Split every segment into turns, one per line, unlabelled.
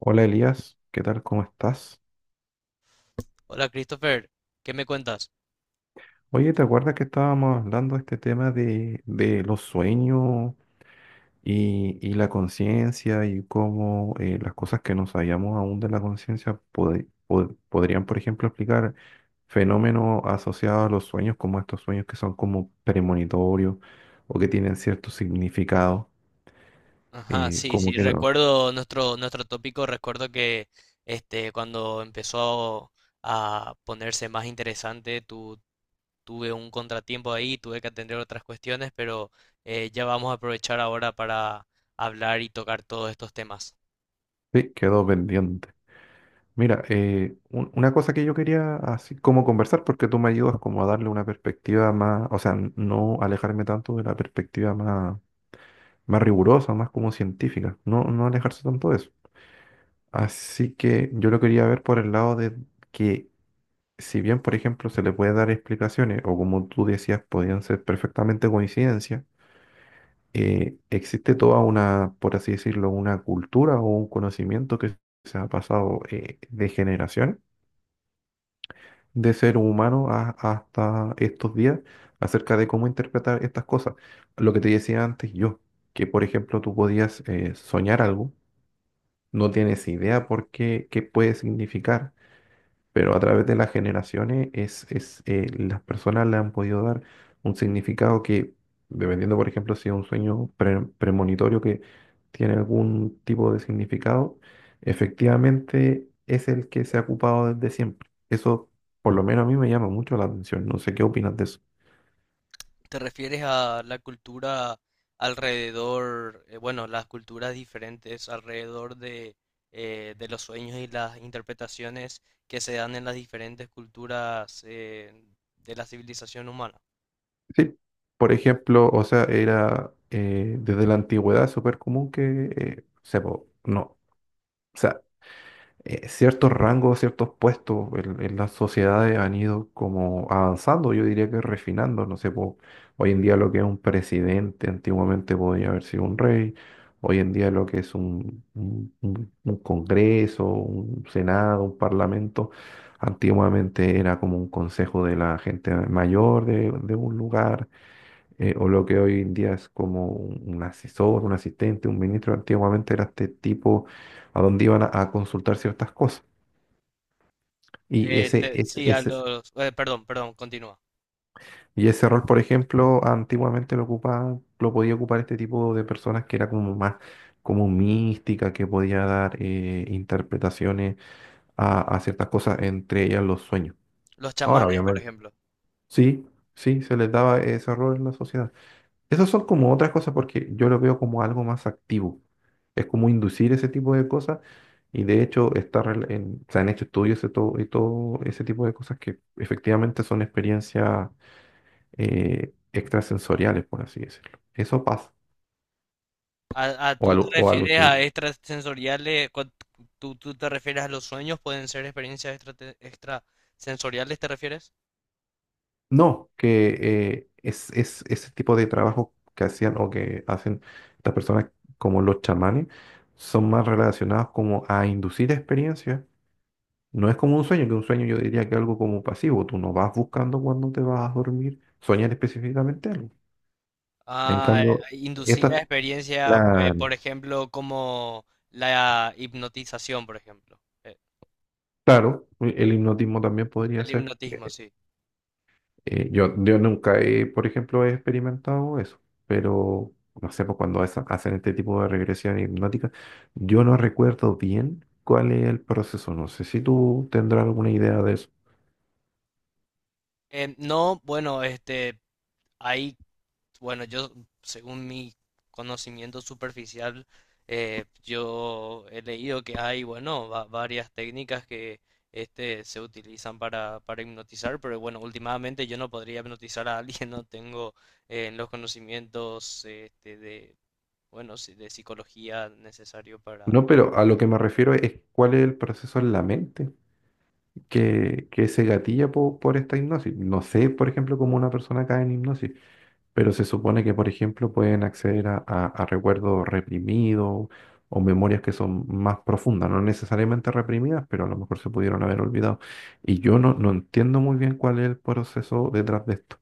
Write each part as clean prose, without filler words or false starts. Hola Elías, ¿qué tal? ¿Cómo estás?
Hola Christopher, ¿qué me cuentas?
Oye, ¿te acuerdas que estábamos hablando de este tema de los sueños y la conciencia y cómo las cosas que no sabíamos aún de la conciencia podrían, por ejemplo, explicar fenómenos asociados a los sueños, como estos sueños que son como premonitorios o que tienen cierto significado?
Ajá. Mm, sí,
Como
sí,
que no,
recuerdo nuestro tópico. Recuerdo que cuando empezó a ponerse más interesante, tuve un contratiempo ahí, tuve que atender otras cuestiones, pero ya vamos a aprovechar ahora para hablar y tocar todos estos temas.
sí, quedó pendiente. Mira, una cosa que yo quería así como conversar, porque tú me ayudas como a darle una perspectiva más, o sea, no alejarme tanto de la perspectiva más, más rigurosa, más como científica, no, no alejarse tanto de eso. Así que yo lo quería ver por el lado de que si bien, por ejemplo, se le puede dar explicaciones, o como tú decías, podían ser perfectamente coincidencias, existe toda una, por así decirlo, una cultura o un conocimiento que se ha pasado de generación de ser humano hasta estos días acerca de cómo interpretar estas cosas. Lo que te decía antes yo, que por ejemplo tú podías soñar algo, no tienes idea por qué, qué puede significar, pero a través de las generaciones es, las personas le han podido dar un significado que, dependiendo, por ejemplo, si es un sueño premonitorio que tiene algún tipo de significado, efectivamente es el que se ha ocupado desde siempre. Eso, por lo menos a mí me llama mucho la atención. No sé qué opinas de eso.
¿Te refieres a la cultura alrededor, bueno, las culturas diferentes alrededor de los sueños y las interpretaciones que se dan en las diferentes culturas de la civilización humana?
Sí, por ejemplo, o sea, era desde la antigüedad súper común que, no. O sea, ciertos rangos, ciertos puestos en las sociedades han ido como avanzando, yo diría que refinando, no sé, po, hoy en día lo que es un presidente, antiguamente podía haber sido un rey, hoy en día lo que es un congreso, un senado, un parlamento, antiguamente era como un consejo de la gente mayor de un lugar, o lo que hoy en día es como un asesor, un asistente, un ministro. Antiguamente era este tipo a donde iban a consultar ciertas cosas. Y ese, ese,
Sí, a
ese-
perdón, perdón, continúa.
y ese rol, por ejemplo, antiguamente lo ocupaba, lo podía ocupar este tipo de personas que era como más como mística, que podía dar interpretaciones a ciertas cosas, entre ellas los sueños.
Los
Ahora,
chamanes, por
obviamente,
ejemplo.
sí, sí, se les daba ese rol en la sociedad. Esas son como otras cosas porque yo lo veo como algo más activo. Es como inducir ese tipo de cosas y de hecho se han hecho estudios y todo ese tipo de cosas que efectivamente son experiencias extrasensoriales, por así decirlo. Eso pasa.
A
O,
Tú te
alu- o
refieres
alucin-
a extrasensoriales? ¿Tú te refieres a los sueños? ¿Pueden ser experiencias extrasensoriales, te refieres?
No, que es ese tipo de trabajo que hacían o que hacen estas personas como los chamanes son más relacionados como a inducir experiencias. No es como un sueño, que un sueño yo diría que es algo como pasivo. Tú no vas buscando cuando te vas a dormir, soñar específicamente algo. En
Ah,
cambio,
inducida
esta,
experiencia, por
la-
ejemplo, como la hipnotización, por ejemplo. Eh,
claro, el hipnotismo también podría
El
ser.
hipnotismo, sí.
Yo nunca he, por ejemplo, he experimentado eso, pero no sé, pues hacen este tipo de regresión hipnótica, yo no recuerdo bien cuál es el proceso. No sé si tú tendrás alguna idea de eso.
No, bueno, ahí, bueno, yo, según mi conocimiento superficial, yo he leído que hay, bueno, varias técnicas que se utilizan para hipnotizar, pero bueno, últimamente yo no podría hipnotizar a alguien, no tengo los conocimientos bueno, sí, de psicología necesario para...
No, pero a lo que me refiero es cuál es el proceso en la mente, que se gatilla por esta hipnosis. No sé, por ejemplo, cómo una persona cae en hipnosis, pero se supone que, por ejemplo, pueden acceder a recuerdos reprimidos o memorias que son más profundas, no necesariamente reprimidas, pero a lo mejor se pudieron haber olvidado. Y yo no, no entiendo muy bien cuál es el proceso detrás de esto.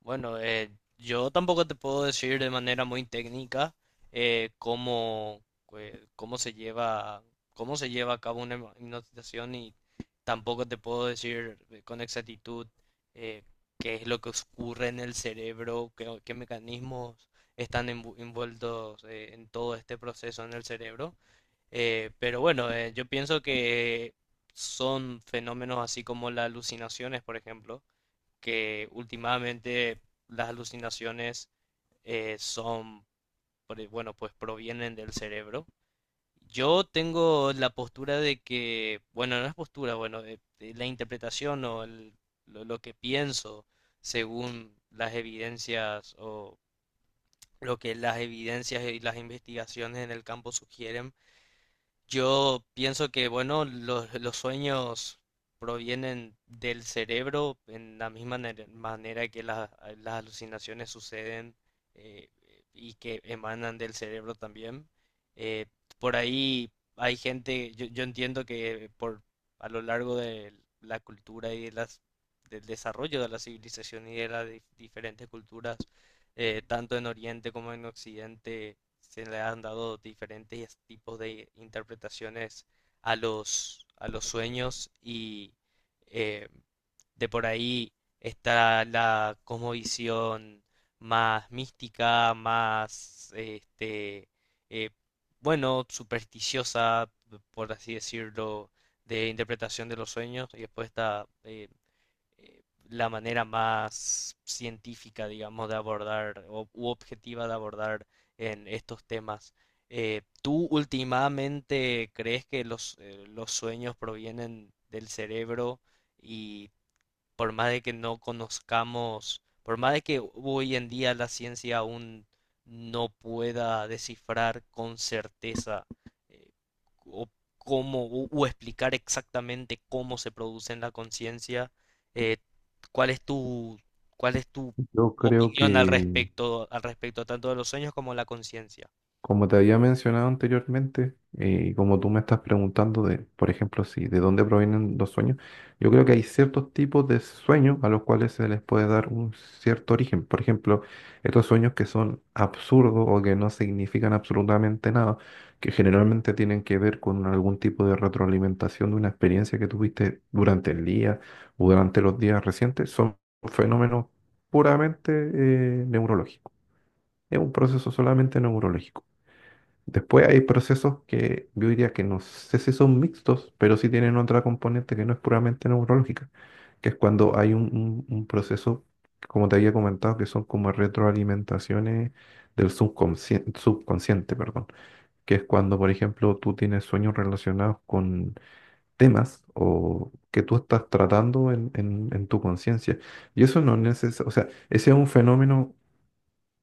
Bueno, yo tampoco te puedo decir de manera muy técnica eh, cómo, cómo se cómo se lleva a cabo una hipnotización, y tampoco te puedo decir con exactitud eh, qué es lo que ocurre en el cerebro, qué mecanismos están envueltos en todo este proceso en el cerebro. Pero bueno, yo pienso que son fenómenos así como las alucinaciones, por ejemplo, que últimamente las alucinaciones eh, son, bueno, pues provienen del cerebro. Yo tengo la postura de que, bueno, no es postura, bueno, la interpretación o lo que pienso según las evidencias o lo que las evidencias y las investigaciones en el campo sugieren. Yo pienso que, bueno, los sueños provienen del cerebro en la misma manera que las alucinaciones suceden eh, y que emanan del cerebro también. Eh, por ahí hay gente, yo entiendo que por a lo largo de la cultura y de del desarrollo de la civilización y de las diferentes culturas, tanto en Oriente como en Occidente se le han dado diferentes tipos de interpretaciones a a los sueños, y eh, de por ahí está la cosmovisión más mística, eh, bueno, supersticiosa, por así decirlo, de interpretación de los sueños. Y después está eh, la manera más científica, digamos, de abordar o, u objetiva de abordar en estos temas. ¿Tú últimamente crees que los sueños provienen del cerebro y, por más de que no conozcamos, por más de que hoy en día la ciencia aún no pueda descifrar con certeza eh, o cómo o explicar exactamente cómo se produce en la conciencia, eh, ¿cuál es tu
Yo creo
opinión al
que,
respecto tanto de los sueños como la conciencia?
como te había mencionado anteriormente, y como tú me estás preguntando de, por ejemplo, si de dónde provienen los sueños, yo creo que hay ciertos tipos de sueños a los cuales se les puede dar un cierto origen. Por ejemplo, estos sueños que son absurdos o que no significan absolutamente nada, que generalmente tienen que ver con algún tipo de retroalimentación de una experiencia que tuviste durante el día o durante los días recientes, son fenómenos puramente neurológicos. Es un proceso solamente neurológico. Después hay procesos que yo diría que no sé si son mixtos, pero sí tienen otra componente que no es puramente neurológica, que es cuando hay un proceso, como te había comentado, que son como retroalimentaciones del subconsciente, subconsciente, perdón, que es cuando, por ejemplo, tú tienes sueños relacionados con temas o que tú estás tratando en tu conciencia. Y eso no es necesario, o sea, ese es un fenómeno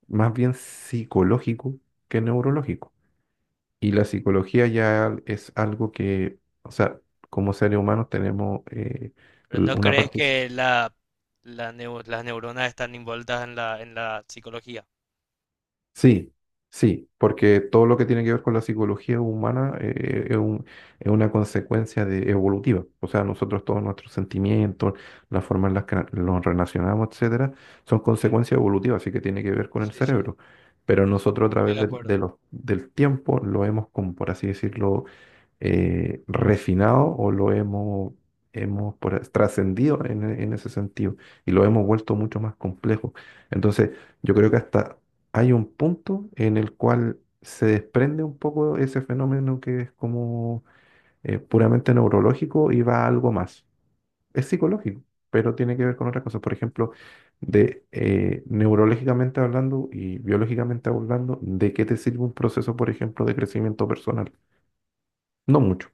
más bien psicológico que neurológico y la psicología ya es algo que, o sea, como seres humanos tenemos
¿Pero no
una
crees
parte...
que las neuronas están envueltas en en la psicología?
Sí, sí, porque todo lo que tiene que ver con la psicología humana es una consecuencia de evolutiva. O sea, nosotros todos nuestros sentimientos, la forma en la que nos relacionamos, etcétera, son consecuencias evolutivas, así que tiene que ver con el
Sí, sí,
cerebro. Pero nosotros a
estoy
través
de acuerdo.
del tiempo lo hemos, como por así decirlo, refinado o lo hemos, hemos trascendido en, en ese sentido y lo hemos vuelto mucho más complejo. Entonces, yo creo que hasta hay un punto en el cual se desprende un poco ese fenómeno que es como puramente neurológico y va a algo más. Es psicológico, pero tiene que ver con otras cosas. Por ejemplo, de neurológicamente hablando y biológicamente hablando, ¿de qué te sirve un proceso, por ejemplo, de crecimiento personal? No mucho.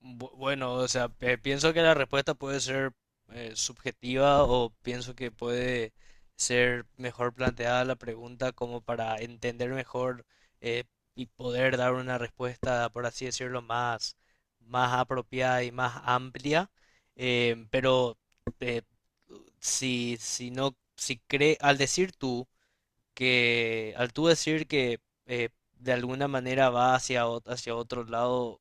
Bueno, o sea, pienso que la respuesta puede ser subjetiva, o pienso que puede ser mejor planteada la pregunta como para entender mejor eh, y poder dar una respuesta, por así decirlo, más, más apropiada y más amplia. Pero eh, si no, si cree, al decir tú que al tú decir que eh, de alguna manera va hacia otro lado,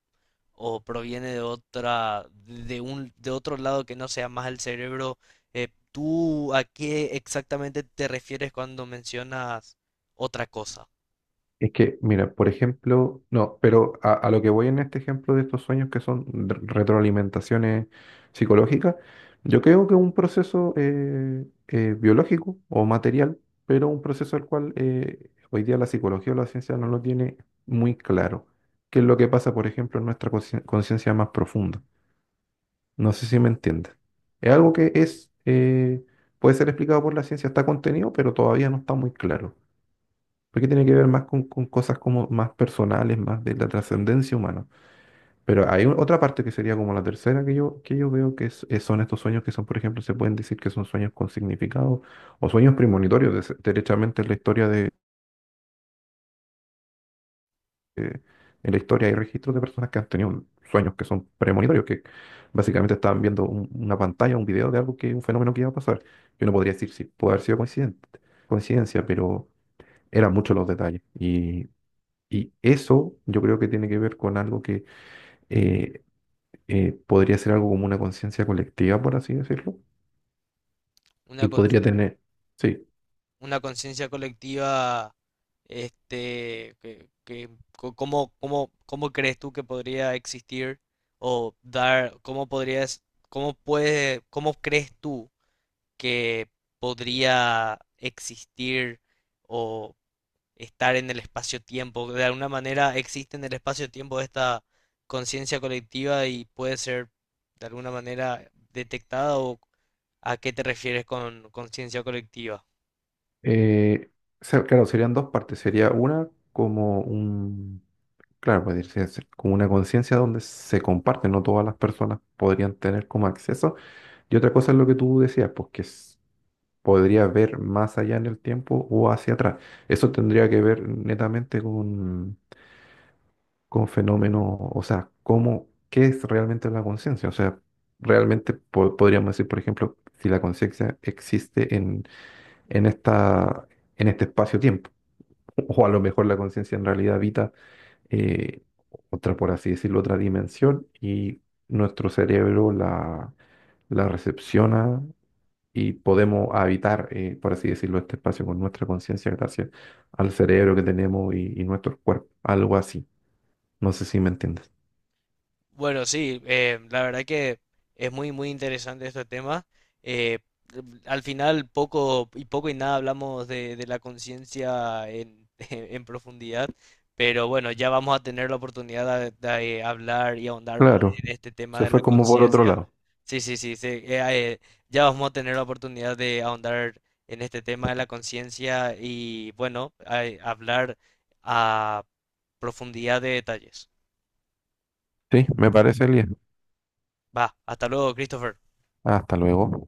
o proviene de de otro lado que no sea más el cerebro, ¿tú a qué exactamente te refieres cuando mencionas otra cosa?
Es que, mira, por ejemplo, no, pero a lo que voy en este ejemplo de estos sueños que son retroalimentaciones psicológicas, yo creo que es un proceso biológico o material, pero un proceso al cual hoy día la psicología o la ciencia no lo tiene muy claro, qué es lo que pasa, por ejemplo, en nuestra conciencia más profunda. No sé si me entiendes. Es algo que es, puede ser explicado por la ciencia, está contenido, pero todavía no está muy claro porque tiene que ver más con cosas como más personales, más de la trascendencia humana. Pero hay otra parte que sería como la tercera que yo veo son estos sueños que son, por ejemplo, se pueden decir que son sueños con significado o sueños premonitorios. Derechamente en la historia de, eh, en la historia hay registros de personas que han tenido sueños que son premonitorios, que básicamente estaban viendo una pantalla, un video de algo que, un fenómeno que iba a pasar. Yo no podría decir si puede haber sido coincidente, coincidencia, pero eran muchos los detalles. Y eso yo creo que tiene que ver con algo que eh, podría ser algo como una conciencia colectiva, por así decirlo,
Una,
y
cons-
podría tener, sí,
una conciencia colectiva, este, que, que, ¿cómo, cómo, cómo crees tú que podría existir o dar, cómo cómo crees tú que podría existir o estar en el espacio-tiempo? De alguna manera existe en el espacio-tiempo esta conciencia colectiva y puede ser de alguna manera detectada, o ¿a qué te refieres con conciencia colectiva?
eh, o claro, serían dos partes, sería una como un, claro, puede decirse como una conciencia donde se comparte, no todas las personas podrían tener como acceso, y otra cosa es lo que tú decías, pues podría ver más allá en el tiempo o hacia atrás. Eso tendría que ver netamente con fenómenos, o sea, cómo, qué es realmente la conciencia. O sea, realmente podríamos decir, por ejemplo, si la conciencia existe en esta, en este espacio-tiempo, o a lo mejor la conciencia en realidad habita eh, otra, por así decirlo, otra dimensión y nuestro cerebro la recepciona. Y podemos habitar, por así decirlo, este espacio con nuestra conciencia gracias al cerebro que tenemos y nuestro cuerpo, algo así. No sé si me entiendes.
Bueno, sí, la verdad que es muy, muy interesante este tema. Eh, Al final, poco y poco y nada hablamos de la conciencia en en profundidad, pero bueno, ya vamos a tener la oportunidad de hablar y ahondar más
Claro,
en este tema
se
de
fue
la
como por otro
conciencia.
lado.
Sí, sí, sí, sí, ya vamos a tener la oportunidad de ahondar en este tema de la conciencia y bueno, hablar a profundidad de detalles.
Sí, me parece, Elías.
Va, hasta luego, Christopher.
Hasta luego.